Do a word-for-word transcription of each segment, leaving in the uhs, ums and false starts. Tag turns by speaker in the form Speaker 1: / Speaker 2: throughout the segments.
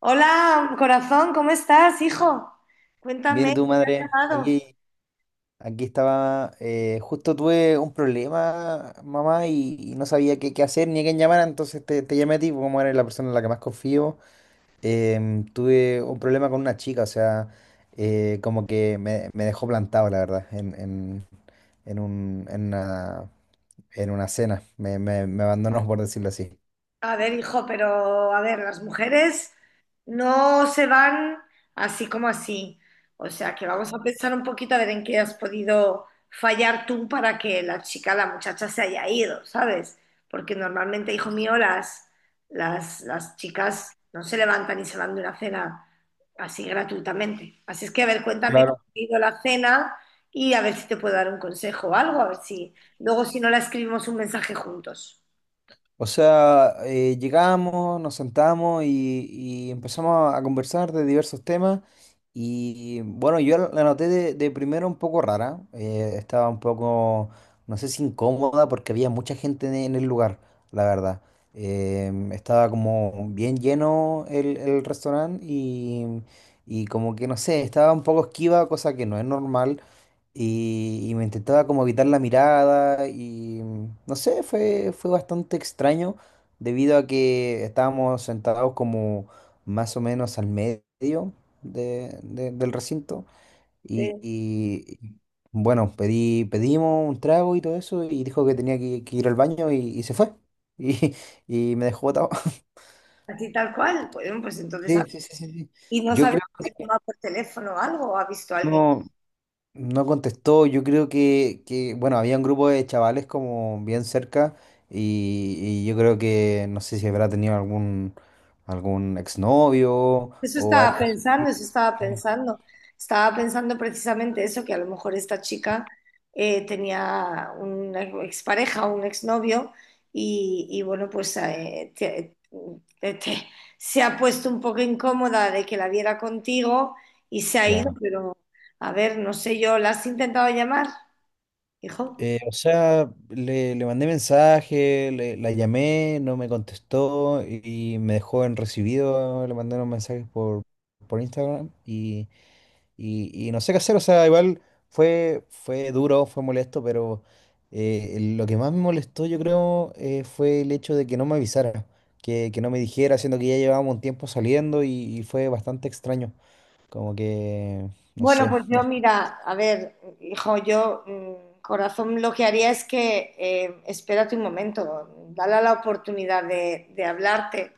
Speaker 1: Hola, corazón, ¿cómo estás, hijo?
Speaker 2: Bien, ¿y
Speaker 1: Cuéntame,
Speaker 2: tú,
Speaker 1: ¿qué te has
Speaker 2: madre?
Speaker 1: llamado?
Speaker 2: Aquí, aquí estaba, eh, justo tuve un problema, mamá, y, y no sabía qué, qué hacer ni a quién llamar, entonces te, te llamé a ti, porque como eres la persona en la que más confío. Em, tuve un problema con una chica, o sea, eh, como que me, me dejó plantado, la verdad, en, en, en un, en una, en una cena. Me, me, me abandonó, por decirlo así.
Speaker 1: A ver, hijo, pero a ver, las mujeres no se van así como así. O sea, que vamos a pensar un poquito a ver en qué has podido fallar tú para que la chica, la muchacha se haya ido, ¿sabes? Porque normalmente, hijo mío, las, las, las chicas no se levantan y se van de una cena así gratuitamente. Así es que, a ver, cuéntame cómo ha ido la cena y a ver si te puedo dar un consejo o algo, a ver si luego si no la escribimos un mensaje juntos.
Speaker 2: O sea, eh, llegamos, nos sentamos y, y empezamos a conversar de diversos temas. Y bueno, yo la la noté de, de primero un poco rara. Eh, estaba un poco, no sé si incómoda, porque había mucha gente en en el lugar, la verdad. Em, estaba como bien lleno el, el restaurante y, y como que no sé, estaba un poco esquiva, cosa que no es normal y, y me intentaba como evitar la mirada y mm, no sé, fue, fue bastante extraño debido a que estábamos sentados como más o menos al medio de- de- del recinto y, y, bueno, pedí, pedimos un trago y todo eso y dijo que tenía que, que ir al baño y, y se fue y, y me dejó botado.
Speaker 1: Así tal cual, pues, bueno, pues entonces,
Speaker 2: Sí,
Speaker 1: a-
Speaker 2: sí, sí, sí, sí.
Speaker 1: y no
Speaker 2: Yo
Speaker 1: sabe
Speaker 2: creo
Speaker 1: si ha
Speaker 2: que
Speaker 1: llamado por teléfono o algo, o ha visto a alguien.
Speaker 2: no. No contestó, yo creo que, que, bueno, había un grupo de chavales como bien cerca y, y yo creo que no sé si habrá tenido algún, algún exnovio
Speaker 1: Eso
Speaker 2: o
Speaker 1: estaba
Speaker 2: algo así.
Speaker 1: pensando, eso estaba
Speaker 2: Eh,
Speaker 1: pensando. Estaba pensando precisamente eso, que a lo mejor esta chica eh, tenía una expareja o un exnovio y, y bueno, pues eh, te- te- te- se ha puesto un poco incómoda de que la viera contigo y se ha ido,
Speaker 2: Claro.
Speaker 1: pero a ver, no sé yo, ¿la has intentado llamar, hijo?
Speaker 2: Eh, o sea, le, le mandé mensaje, le- la llamé, no me contestó y, y me dejó en recibido, le mandé unos mensajes por, por Instagram. Y, y no sé qué hacer, o sea, igual fue, fue duro, fue molesto, pero eh, lo que más me molestó, yo creo, eh, fue el hecho de que no me avisara, que, que no me dijera, siendo que ya llevábamos un tiempo saliendo y, y fue bastante extraño. Como que, no
Speaker 1: Bueno,
Speaker 2: sé,
Speaker 1: pues
Speaker 2: no
Speaker 1: yo
Speaker 2: sé,
Speaker 1: mira, a ver, hijo, yo mm, corazón, lo que haría es que eh, espérate un momento, dale la oportunidad de, de hablarte,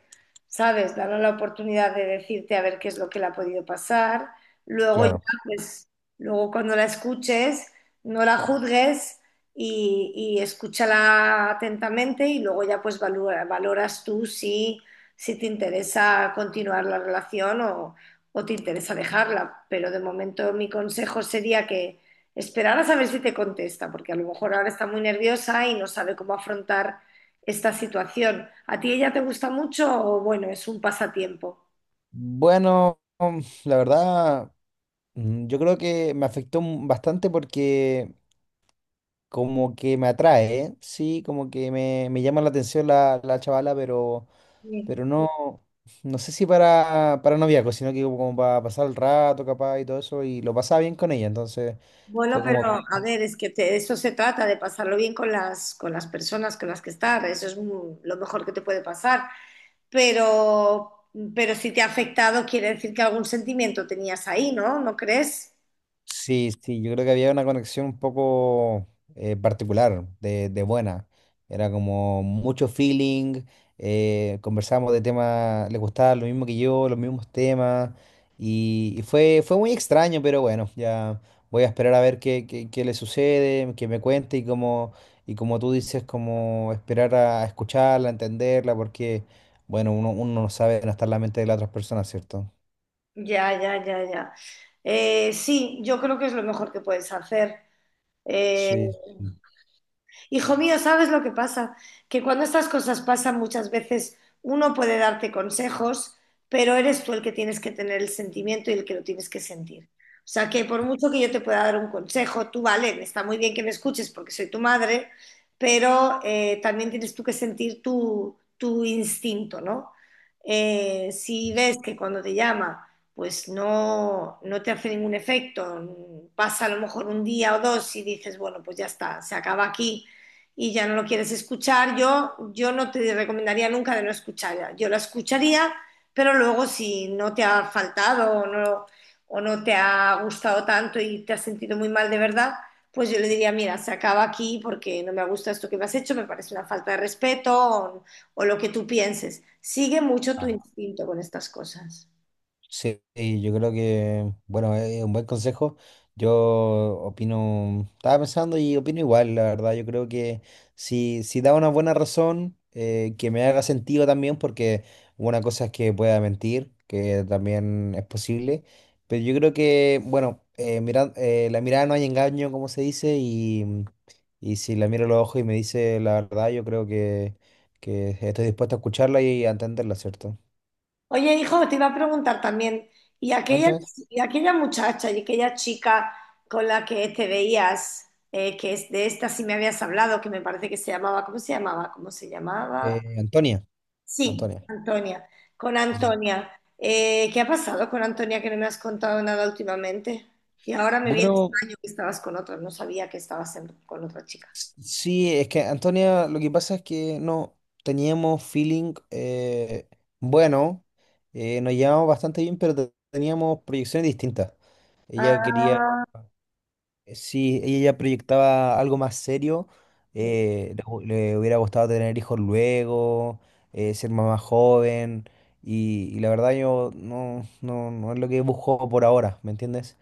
Speaker 1: ¿sabes? Dale la oportunidad de decirte a ver qué es lo que le ha podido pasar. Luego ya,
Speaker 2: claro.
Speaker 1: pues, luego cuando la escuches, no la juzgues y, y escúchala atentamente y luego ya pues valora- valoras tú si, si te interesa continuar la relación o o te interesa dejarla, pero de momento mi consejo sería que esperaras a ver si te contesta, porque a lo mejor ahora está muy nerviosa y no sabe cómo afrontar esta situación. ¿A ti ella te gusta mucho o bueno, es un pasatiempo?
Speaker 2: Bueno, mm, la verdad, mm, yo creo que me afectó m- bastante porque como que me atrae, ¿eh? Sí, como que me, me llama la atención la, la chavala, pero.
Speaker 1: Sí.
Speaker 2: Pero no, no sé si para, para noviazgo, sino que como para pasar el rato, capaz, y todo eso, y lo pasaba bien con ella, entonces
Speaker 1: Bueno,
Speaker 2: fue como bien.
Speaker 1: pero a ver, es que te- de eso se trata, de pasarlo bien con las, con las personas con las que estás, eso es mu- lo mejor que te puede pasar, pero, pero si te ha afectado quiere decir que algún sentimiento tenías ahí, ¿no? ¿No crees?
Speaker 2: Sí, sí, yo creo que había una conexión un poco eh, particular, de, de buena. Era como mucho feeling, eh, conversábamos de temas, le gustaba lo mismo que yo, los mismos temas, y, y fue, fue muy extraño, pero bueno, ya voy a esperar a ver qué, qué, qué le sucede, que me cuente y como, y como tú dices, como esperar a, a escucharla, a entenderla, porque bueno, uno, uno no sabe, no está en la mente de las otras personas, ¿cierto?
Speaker 1: Ya, ya, ya, ya. Eh, sí, yo creo que es lo mejor que puedes hacer. Eh,
Speaker 2: Sí.
Speaker 1: Hijo mío, ¿sabes lo que pasa? Que cuando estas cosas pasan muchas veces uno puede darte consejos, pero eres tú el que tienes que tener el sentimiento y el que lo tienes que sentir. O sea que por mucho que yo te pueda dar un consejo, tú vale, está muy bien que me escuches porque soy tu madre, pero eh, también tienes tú que sentir tu, tu instinto, ¿no? Eh, si ves que cuando te llama, pues no, no te hace ningún efecto, pasa a lo mejor un día o dos y dices, bueno, pues ya está, se acaba aquí y ya no lo quieres escuchar, yo, yo no te recomendaría nunca de no escucharla. Yo la escucharía, pero luego si no te ha faltado o no, o no te ha gustado tanto y te has sentido muy mal de verdad, pues yo le diría, mira, se acaba aquí porque no me gusta esto que me has hecho, me parece una falta de respeto o, o lo que tú pienses. Sigue mucho tu instinto con estas cosas.
Speaker 2: Sí, y yo creo que, bueno, es un buen consejo. Yo opino, estaba pensando y opino igual, la verdad. Yo creo que si, si da una buena razón, eh, que me haga sentido también, porque una cosa es que pueda mentir, que también es posible. Pero yo creo que, bueno, eh, mira- eh, la mirada no hay engaño, como se dice, y, y si la miro a los ojos y me dice la verdad, yo creo que, que estoy dispuesto a escucharla y a entenderla, ¿cierto?
Speaker 1: Oye, hijo, te iba a preguntar también, ¿y aquella,
Speaker 2: Cuéntame,
Speaker 1: y aquella muchacha y aquella chica con la que te veías, eh, que es de esta sí me habías hablado, que me parece que se llamaba, ¿cómo se llamaba? ¿Cómo se llamaba?
Speaker 2: eh, Antonia.
Speaker 1: Sí,
Speaker 2: Antonia.
Speaker 1: Antonia, con
Speaker 2: Sí.
Speaker 1: Antonia. Eh, ¿qué ha pasado con Antonia que no me has contado nada últimamente? Y ahora me viene
Speaker 2: Bueno,
Speaker 1: extraño que estabas con otra, no sabía que estabas en- con otra chica.
Speaker 2: s- sí, es que Antonia, lo que pasa es que no teníamos feeling, eh, bueno, eh, nos llevábamos bastante bien, pero te- teníamos proyecciones distintas. Ella quería, eh, sí, ella ya proyectaba algo más serio,
Speaker 1: Ah,
Speaker 2: eh, le, hu- le hubiera gustado tener hijos luego, eh, ser mamá joven, y, y la verdad yo no, no, no es lo que busco por ahora, ¿me entiendes?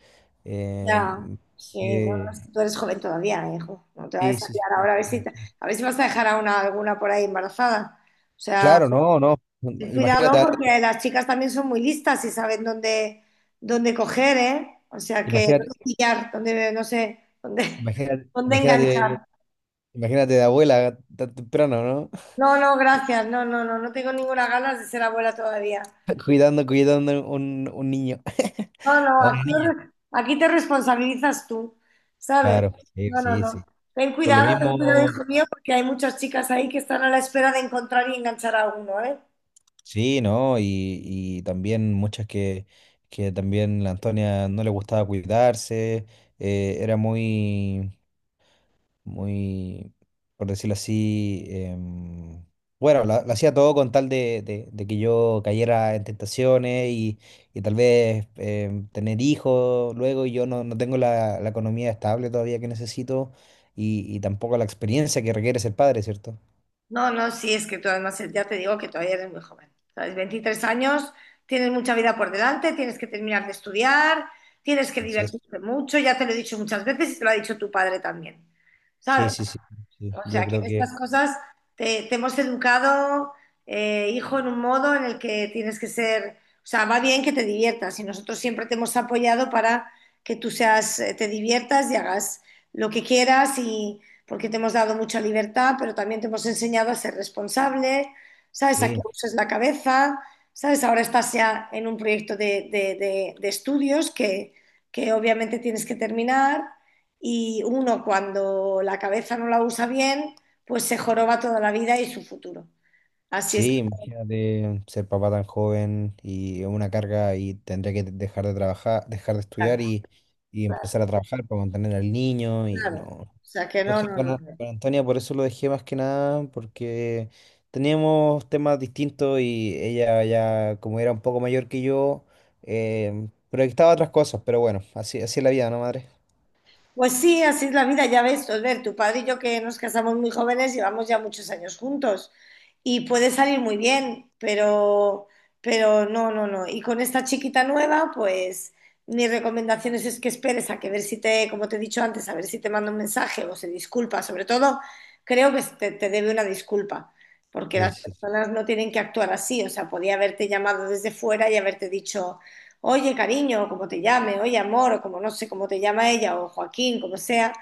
Speaker 1: ya,
Speaker 2: Em,
Speaker 1: sí, no, no, es
Speaker 2: que-
Speaker 1: que tú eres joven todavía, hijo. No te vas
Speaker 2: Sí,
Speaker 1: a
Speaker 2: sí, sí,
Speaker 1: liar
Speaker 2: sí.
Speaker 1: ahora a ver si, te- a ver si vas a dejar a una, alguna por ahí embarazada. O sea,
Speaker 2: Claro, no, no.
Speaker 1: ten cuidado
Speaker 2: Imagínate, a-
Speaker 1: porque las chicas también son muy listas y saben dónde, dónde coger, ¿eh? O sea, que
Speaker 2: imagínate,
Speaker 1: dónde pillar, dónde, no sé, dónde,
Speaker 2: imagínate,
Speaker 1: dónde
Speaker 2: imagínate,
Speaker 1: enganchar.
Speaker 2: imagínate de abuela tan temprano, ¿no?
Speaker 1: No, no, gracias. No, no, no, no tengo ninguna ganas de ser abuela todavía.
Speaker 2: Cuidando, cuidando un, un niño,
Speaker 1: No, no,
Speaker 2: a una
Speaker 1: aquí,
Speaker 2: niña.
Speaker 1: aquí te responsabilizas tú, ¿sabes?
Speaker 2: Claro, sí,
Speaker 1: No, no,
Speaker 2: sí,
Speaker 1: no.
Speaker 2: sí.
Speaker 1: Ten
Speaker 2: Por lo
Speaker 1: cuidado, ten cuidado,
Speaker 2: mismo,
Speaker 1: hijo mío, porque hay muchas chicas ahí que están a la espera de encontrar y enganchar a uno, ¿eh?
Speaker 2: sí, ¿no? Y, y también muchas que, que también la Antonia no le gustaba cuidarse, eh, era muy, muy, por decirlo así, em, bueno, lo, lo hacía todo con tal de, de- de que yo cayera en tentaciones y, y tal vez em, tener hijos luego y yo no, no tengo la, la economía estable todavía que necesito y, y tampoco la experiencia que requiere ser padre, ¿cierto?
Speaker 1: No, no, sí, es que tú además ya te digo que todavía eres muy joven. ¿Sabes? Veintitrés años, tienes mucha vida por delante, tienes que terminar de estudiar, tienes que
Speaker 2: Así es.
Speaker 1: divertirte mucho, ya te lo he dicho muchas veces y te lo ha dicho tu padre también.
Speaker 2: Sí,
Speaker 1: ¿Sabes?
Speaker 2: sí, sí, sí.
Speaker 1: O
Speaker 2: Yo
Speaker 1: sea, que en
Speaker 2: creo que
Speaker 1: estas cosas te, te hemos educado, eh, hijo, en un modo en el que tienes que ser, o sea, va bien que te diviertas y nosotros siempre te hemos apoyado para que tú seas, eh, te diviertas y hagas lo que quieras y porque te hemos dado mucha libertad, pero también te hemos enseñado a ser responsable, ¿sabes? A que
Speaker 2: sí.
Speaker 1: uses la cabeza, ¿sabes? Ahora estás ya en un proyecto de, de- de- de estudios que, que obviamente tienes que terminar y uno cuando la cabeza no la usa bien, pues se joroba toda la vida y su futuro. Así es.
Speaker 2: Sí, imagínate ser papá tan joven y una carga y tendría que dejar de trabajar, dejar de estudiar
Speaker 1: Claro,
Speaker 2: y, y
Speaker 1: claro,
Speaker 2: empezar a trabajar para mantener al niño y
Speaker 1: claro.
Speaker 2: no.
Speaker 1: O sea que no,
Speaker 2: Entonces
Speaker 1: no,
Speaker 2: con, A-
Speaker 1: no.
Speaker 2: con Antonia por eso lo dejé más que nada porque teníamos temas distintos y ella ya como era un poco mayor que yo, eh, proyectaba otras cosas, pero bueno, así, así es la vida, ¿no, madre?
Speaker 1: Pues sí, así es la vida, ya ves, ver, tu padre y yo que nos casamos muy jóvenes, llevamos ya muchos años juntos y puede salir muy bien, pero, pero no, no, no. Y con esta chiquita nueva, pues mi recomendación es, es que esperes a que ver si te, como te he dicho antes, a ver si te manda un mensaje o se disculpa. Sobre todo, creo que te, te debe una disculpa, porque
Speaker 2: Sí,
Speaker 1: las
Speaker 2: sí, sí.
Speaker 1: personas no tienen que actuar así, o sea, podía haberte llamado desde fuera y haberte dicho oye cariño, o como te llame, oye amor, o como no sé cómo te llama ella, o Joaquín, como sea,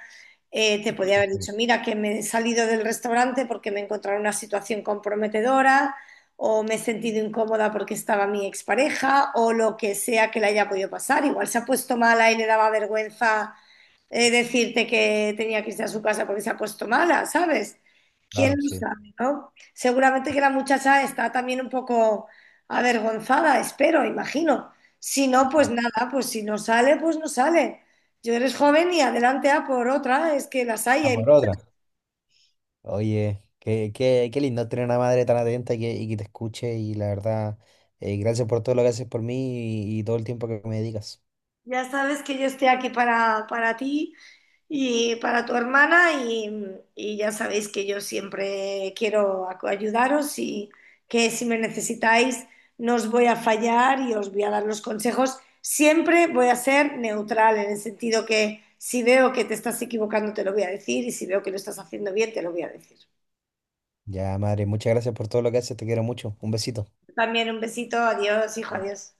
Speaker 1: eh, te
Speaker 2: Sí,
Speaker 1: podía haber
Speaker 2: Joaquín.
Speaker 1: dicho, mira, que me he salido del restaurante porque me he encontrado en una situación comprometedora o me he sentido incómoda porque estaba mi expareja o lo que sea que le haya podido pasar. Igual se ha puesto mala y le daba vergüenza eh, decirte que tenía que irse a su casa porque se ha puesto mala, ¿sabes? ¿Quién
Speaker 2: Claro,
Speaker 1: lo
Speaker 2: sí.
Speaker 1: sabe, no? Seguramente que la muchacha está también un poco avergonzada, espero, imagino. Si no, pues
Speaker 2: Ojalá.
Speaker 1: nada, pues si no sale, pues no sale. Yo eres joven y adelante a por otra, es que las hay,
Speaker 2: A
Speaker 1: hay
Speaker 2: por
Speaker 1: muchas.
Speaker 2: otra. Oye, qué, qué, qué lindo tener una madre tan atenta y que, y que te escuche y la verdad, eh, gracias por todo lo que haces por mí y, y todo el tiempo que me dedicas.
Speaker 1: Ya sabes que yo estoy aquí para, para ti y para tu hermana y, y ya sabéis que yo siempre quiero ac- ayudaros y que si me necesitáis no os voy a fallar y os voy a dar los consejos. Siempre voy a ser neutral en el sentido que si veo que te estás equivocando te lo voy a decir y si veo que lo estás haciendo bien te lo voy a decir.
Speaker 2: Ya, madre, muchas gracias por todo lo que haces, te quiero mucho. Un besito.
Speaker 1: También un besito, adiós, hijo, adiós.